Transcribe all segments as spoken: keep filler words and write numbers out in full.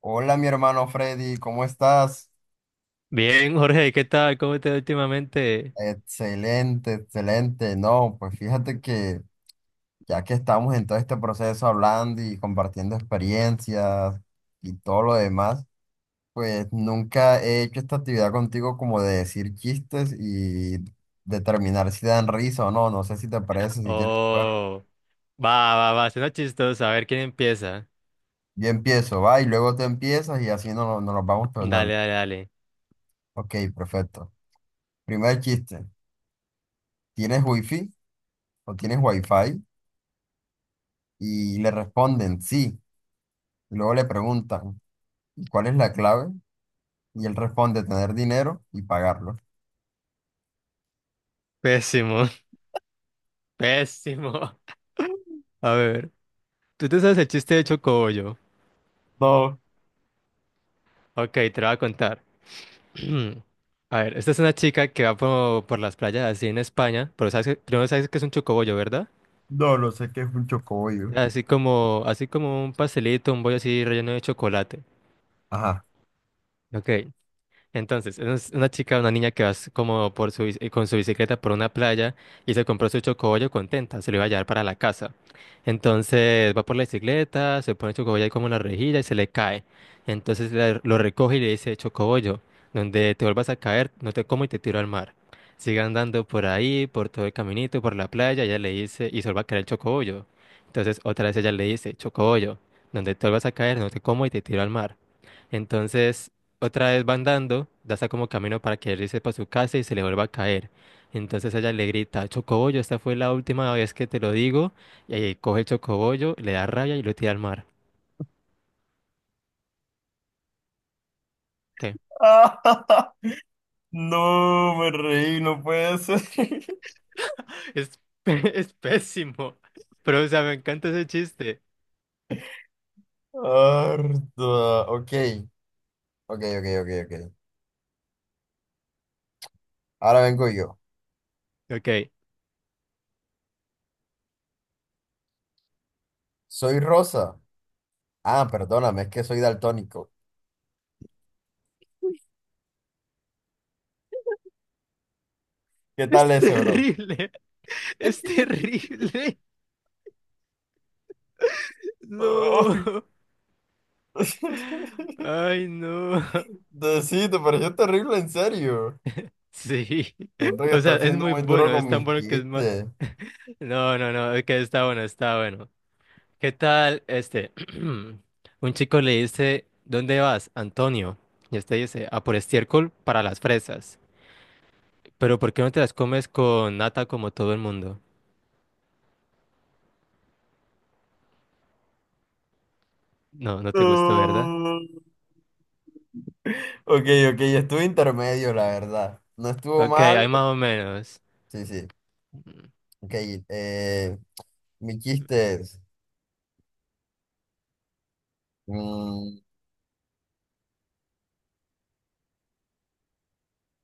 Hola, mi hermano Freddy, ¿cómo estás? Bien, Jorge, ¿qué tal? ¿Cómo te va últimamente? Excelente, excelente. No, pues fíjate que ya que estamos en todo este proceso hablando y compartiendo experiencias y todo lo demás, pues nunca he hecho esta actividad contigo como de decir chistes y determinar si dan risa o no. No sé si te parece, si quieres jugar. Oh, va, va, va, suena chistoso. A ver quién empieza. Yo empiezo, va, y luego tú empiezas y así nos, nos los vamos Dale, tornando. dale, dale. Ok, perfecto. Primer chiste. ¿Tienes wifi o tienes wifi? Y le responden sí. Y luego le preguntan, "¿Y ¿cuál es la clave? Y él responde, tener dinero y pagarlo. Pésimo, pésimo. A ver, tú te sabes el chiste de Chocobollo. No. Ok, te lo voy a contar. A ver, esta es una chica que va por, por las playas así en España, pero sabes, que- primero sabes que es un chocobollo, ¿verdad? No, lo sé que es un chocobollo. Así como, así como un pastelito, un bollo así relleno de chocolate. Ajá. Ok. Entonces, es una chica, una niña que va s- como por su, bici- con su bicicleta por una playa y se compró su chocobollo contenta, se lo iba a llevar para la casa. Entonces va por la bicicleta, se pone el chocobollo ahí como en la rejilla y se le cae. Entonces la- lo recoge y le dice, chocobollo, donde te vuelvas a caer, no te como y te tiro al mar. Sigue andando por ahí, por todo el caminito, por la playa, ella le dice, y se vuelve a caer el chocobollo. Entonces otra vez ella le dice, chocobollo, donde te vuelvas a caer, no te como y te tiro al mar. Entonces otra vez va andando, ya está como camino para que él irse para su casa y se le vuelva a caer. Entonces ella le grita, Chocobollo, esta fue la última vez que te lo digo. Y ahí coge el chocobollo, le da rabia y lo tira al mar. ¿Qué? No, me reí, no puede ser. Es, pe- es pésimo. Pero, o sea, me encanta ese chiste. Harta. Ok, ok, ok, ok, ok. Ahora vengo yo. Ok. Soy Rosa. Ah, perdóname, es que soy daltónico. ¿Qué tal Es ese, bro? terrible. Es terrible. Ay. No. Ay, no. Sí, te pareció terrible, en serio. Sí. Siento que O sea, está es siendo muy muy duro bueno. Es con tan mis bueno que es mal. chistes. No, no, no. Es que está bueno, está bueno. ¿Qué tal? Este, un chico le dice, ¿dónde vas, Antonio? Y este dice, a por estiércol para las fresas. Pero ¿por qué no te las comes con nata como todo el mundo? No, no te gustó, ¿verdad? No. Ok, ok, estuvo intermedio, la verdad. No estuvo Ok, mal. hay más o menos. Sí, sí. Ok, eh, mi chiste es, mm,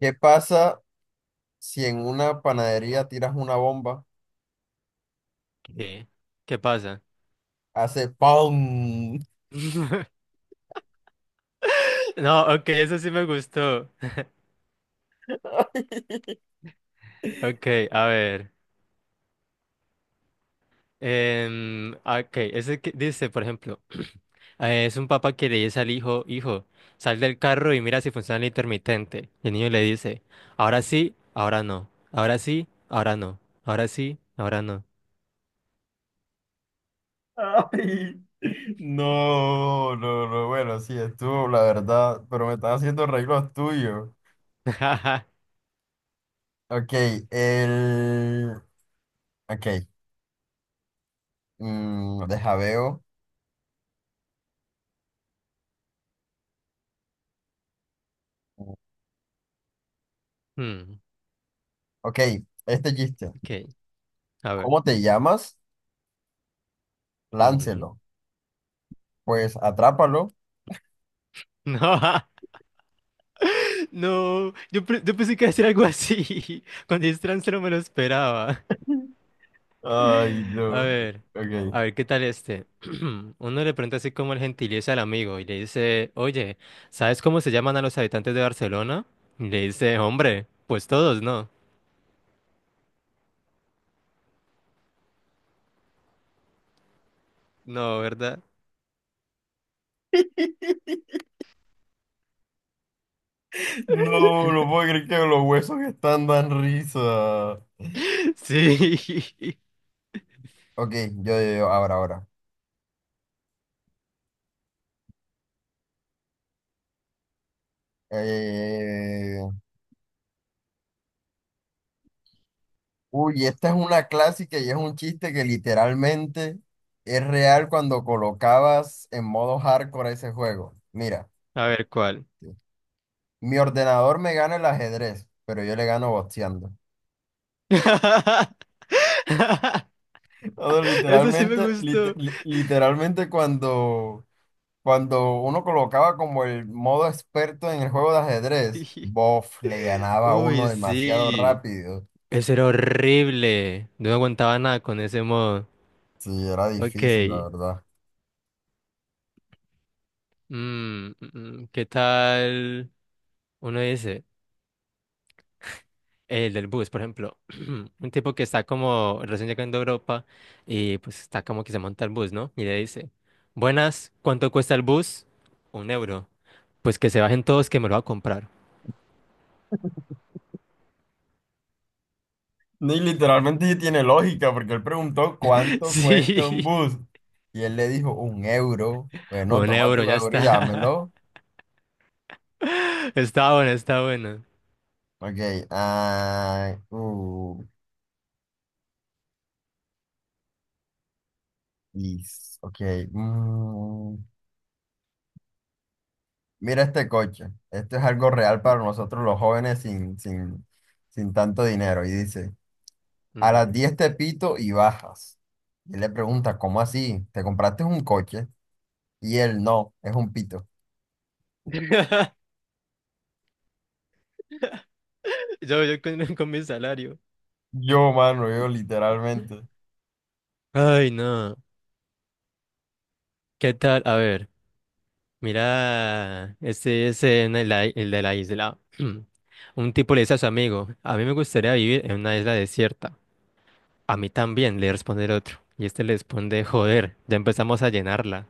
¿qué pasa si en una panadería tiras una bomba? ¿Qué, ¿Qué pasa? Hace ¡pum! No, ok, eso sí me gustó. Ok, a ver. Em, ah, ok, ese que dice, por ejemplo, eh, es un papá que le dice al hijo, hijo, sal del carro y mira si funciona el intermitente. Y el niño le dice, ahora sí, ahora no, ahora sí, ahora no, ahora sí, ahora no. Ay, no, no, no, bueno, sí, estuvo, la verdad, pero me están haciendo arreglos tuyos. Ok, el... Ok, mm, deja veo. Hmm, Ok, este chiste. ok, a ver. ¿Cómo te llamas? Ujú. Láncelo. Pues atrápalo. No, no, yo, pe- yo pensé que iba a decir algo así. Cuando dijiste trans no me lo esperaba. Ay, A no. ver, a Ok. ver, ¿qué tal este? Uno le pregunta así como el gentilicio al amigo y le dice, oye, ¿sabes cómo se llaman a los habitantes de Barcelona? Y le dice, hombre, pues todos, ¿no? No, ¿verdad? No, no puedo creer que los huesos están dan risa. Sí. Ok, yo, yo, yo, ahora, ahora. Eh, Uy, esta es una clásica y es un chiste que literalmente es real cuando colocabas en modo hardcore ese juego. Mira, A ver, ¿cuál? mi ordenador me gana el ajedrez, pero yo le gano boxeando. Todo Eso sí me literalmente, lit- gustó. li- literalmente cuando, cuando uno colocaba como el modo experto en el juego de ajedrez, Sí. bof, le ganaba a uno Uy, demasiado sí. rápido. Ese era horrible. No aguantaba nada con ese modo. Sí, era difícil, la Ok. verdad. Mm, mm, mm. ¿Qué tal? Uno dice. El del bus, por ejemplo, un tipo que está como recién llegando a Europa y pues está como que se monta el bus, ¿no? Y le dice, buenas, ¿cuánto cuesta el bus? Un euro. Pues que se bajen todos que me lo va a comprar. Ni literalmente tiene lógica, porque él preguntó cuánto cuesta un Sí, bus. Y él le dijo, un euro. Bueno, un toma tu euro, ya euro y está. dámelo. Está bueno, está bueno. Ok, ah, uh, y- s- ok. mm. Mira este coche. Esto es algo real para nosotros los jóvenes sin, sin, sin tanto dinero. Y dice, a las Ujú. diez te pito y bajas. Y él le pregunta, ¿cómo así? ¿Te compraste un coche? Y él, no, es un pito. Yo, yo con, con mi salario. Yo, mano, yo literalmente. Ay, no. ¿Qué tal? A ver. Mira, este es en el, ai- el de la isla. Un tipo le dice a su amigo, a mí me gustaría vivir en una isla desierta. A mí también, le responde el otro. Y este le responde, joder, ya empezamos a llenarla.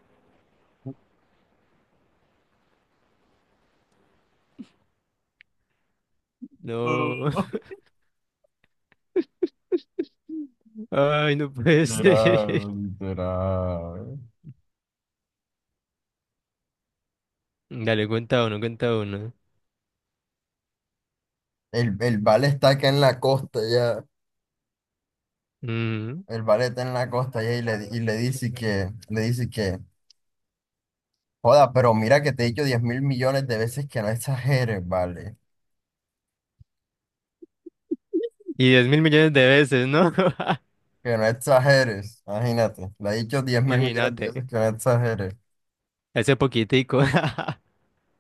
No, ay, no puede ser. Literal, literal. Dale, cuenta uno, cuenta uno. El, el vale está acá en la costa ya. Mm, El vale está en la costa ya y le, y le dice que, le dice que, joda, pero mira que te he dicho diez mil millones de veces que no exageres, vale. Y diez mil millones de veces, ¿no? Que no exageres, imagínate. Le he dicho diez mil millones de Imagínate, veces que no exageres. ese poquitico.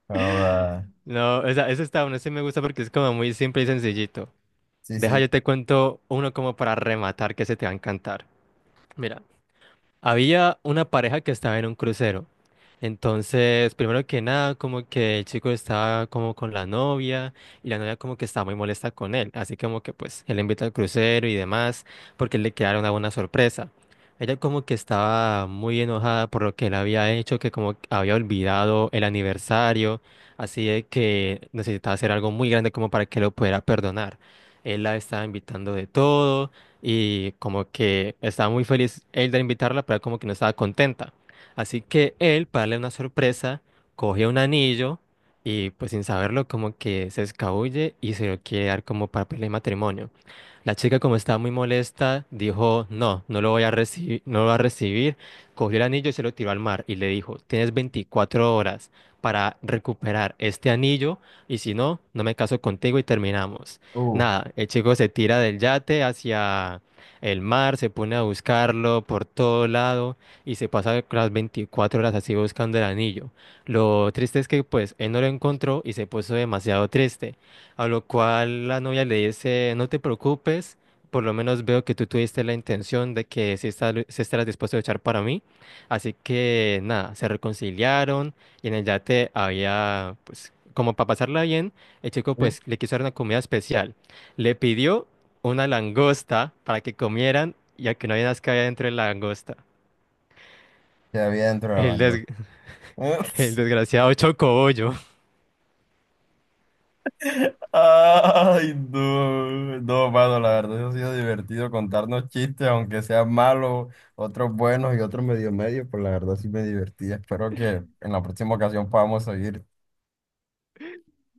Joda. No, esa, ese está, uno sí me gusta porque es como muy simple y sencillito. Sí, Deja, sí. yo te cuento uno como para rematar que se te va a encantar. Mira, había una pareja que estaba en un crucero. Entonces, primero que nada, como que el chico estaba como con la novia y la novia como que estaba muy molesta con él. Así como que pues él le invita al crucero y demás porque le quedaron una buena sorpresa. Ella como que estaba muy enojada por lo que él había hecho, que como que había olvidado el aniversario, así de que necesitaba hacer algo muy grande como para que lo pudiera perdonar. Él la estaba invitando de todo y como que estaba muy feliz él de invitarla, pero como que no estaba contenta. Así que él, para darle una sorpresa, coge un anillo y pues sin saberlo como que se escabulle y se lo quiere dar como papel de matrimonio. La chica, como estaba muy molesta, dijo, no, no lo voy a recibir, no lo va a recibir. Cogió el anillo y se lo tiró al mar y le dijo, tienes veinticuatro horas para recuperar este anillo y si no, no me caso contigo y terminamos. Uh, Nada, el chico se tira del yate hacia el mar, se pone a buscarlo por todo lado y se pasa las veinticuatro horas así buscando el anillo. Lo triste es que pues él no lo encontró y se puso demasiado triste. A lo cual la novia le dice, no te preocupes, por lo menos veo que tú tuviste la intención de que sí, está, sí estarás dispuesto a luchar para mí. Así que nada, se reconciliaron y en el yate había, pues, como para pasarla bien, el chico sí, pues le quiso dar una comida especial. Le pidió una langosta para que comieran, y a que no había nada que había dentro de la langosta. que había dentro de la El, des- langosta. el desgraciado chocobollo. Ay, no, no, mano, la verdad, eso ha sido divertido contarnos chistes, aunque sean malos, otros buenos y otros medio medio, pues la verdad sí me divertí. Espero que en la próxima ocasión podamos seguir.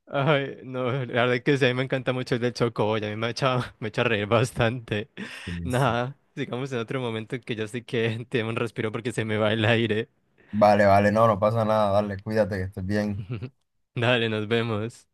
Ay, no, la verdad que sí, a mí me encanta mucho el del Chocoboy, a mí me echa, me echa a reír bastante. Sí, sí. Nada, sigamos en otro momento que ya sí que tengo un respiro porque se me va el aire. Vale, vale, no, no pasa nada, dale, cuídate, que estés bien. Dale, nos vemos.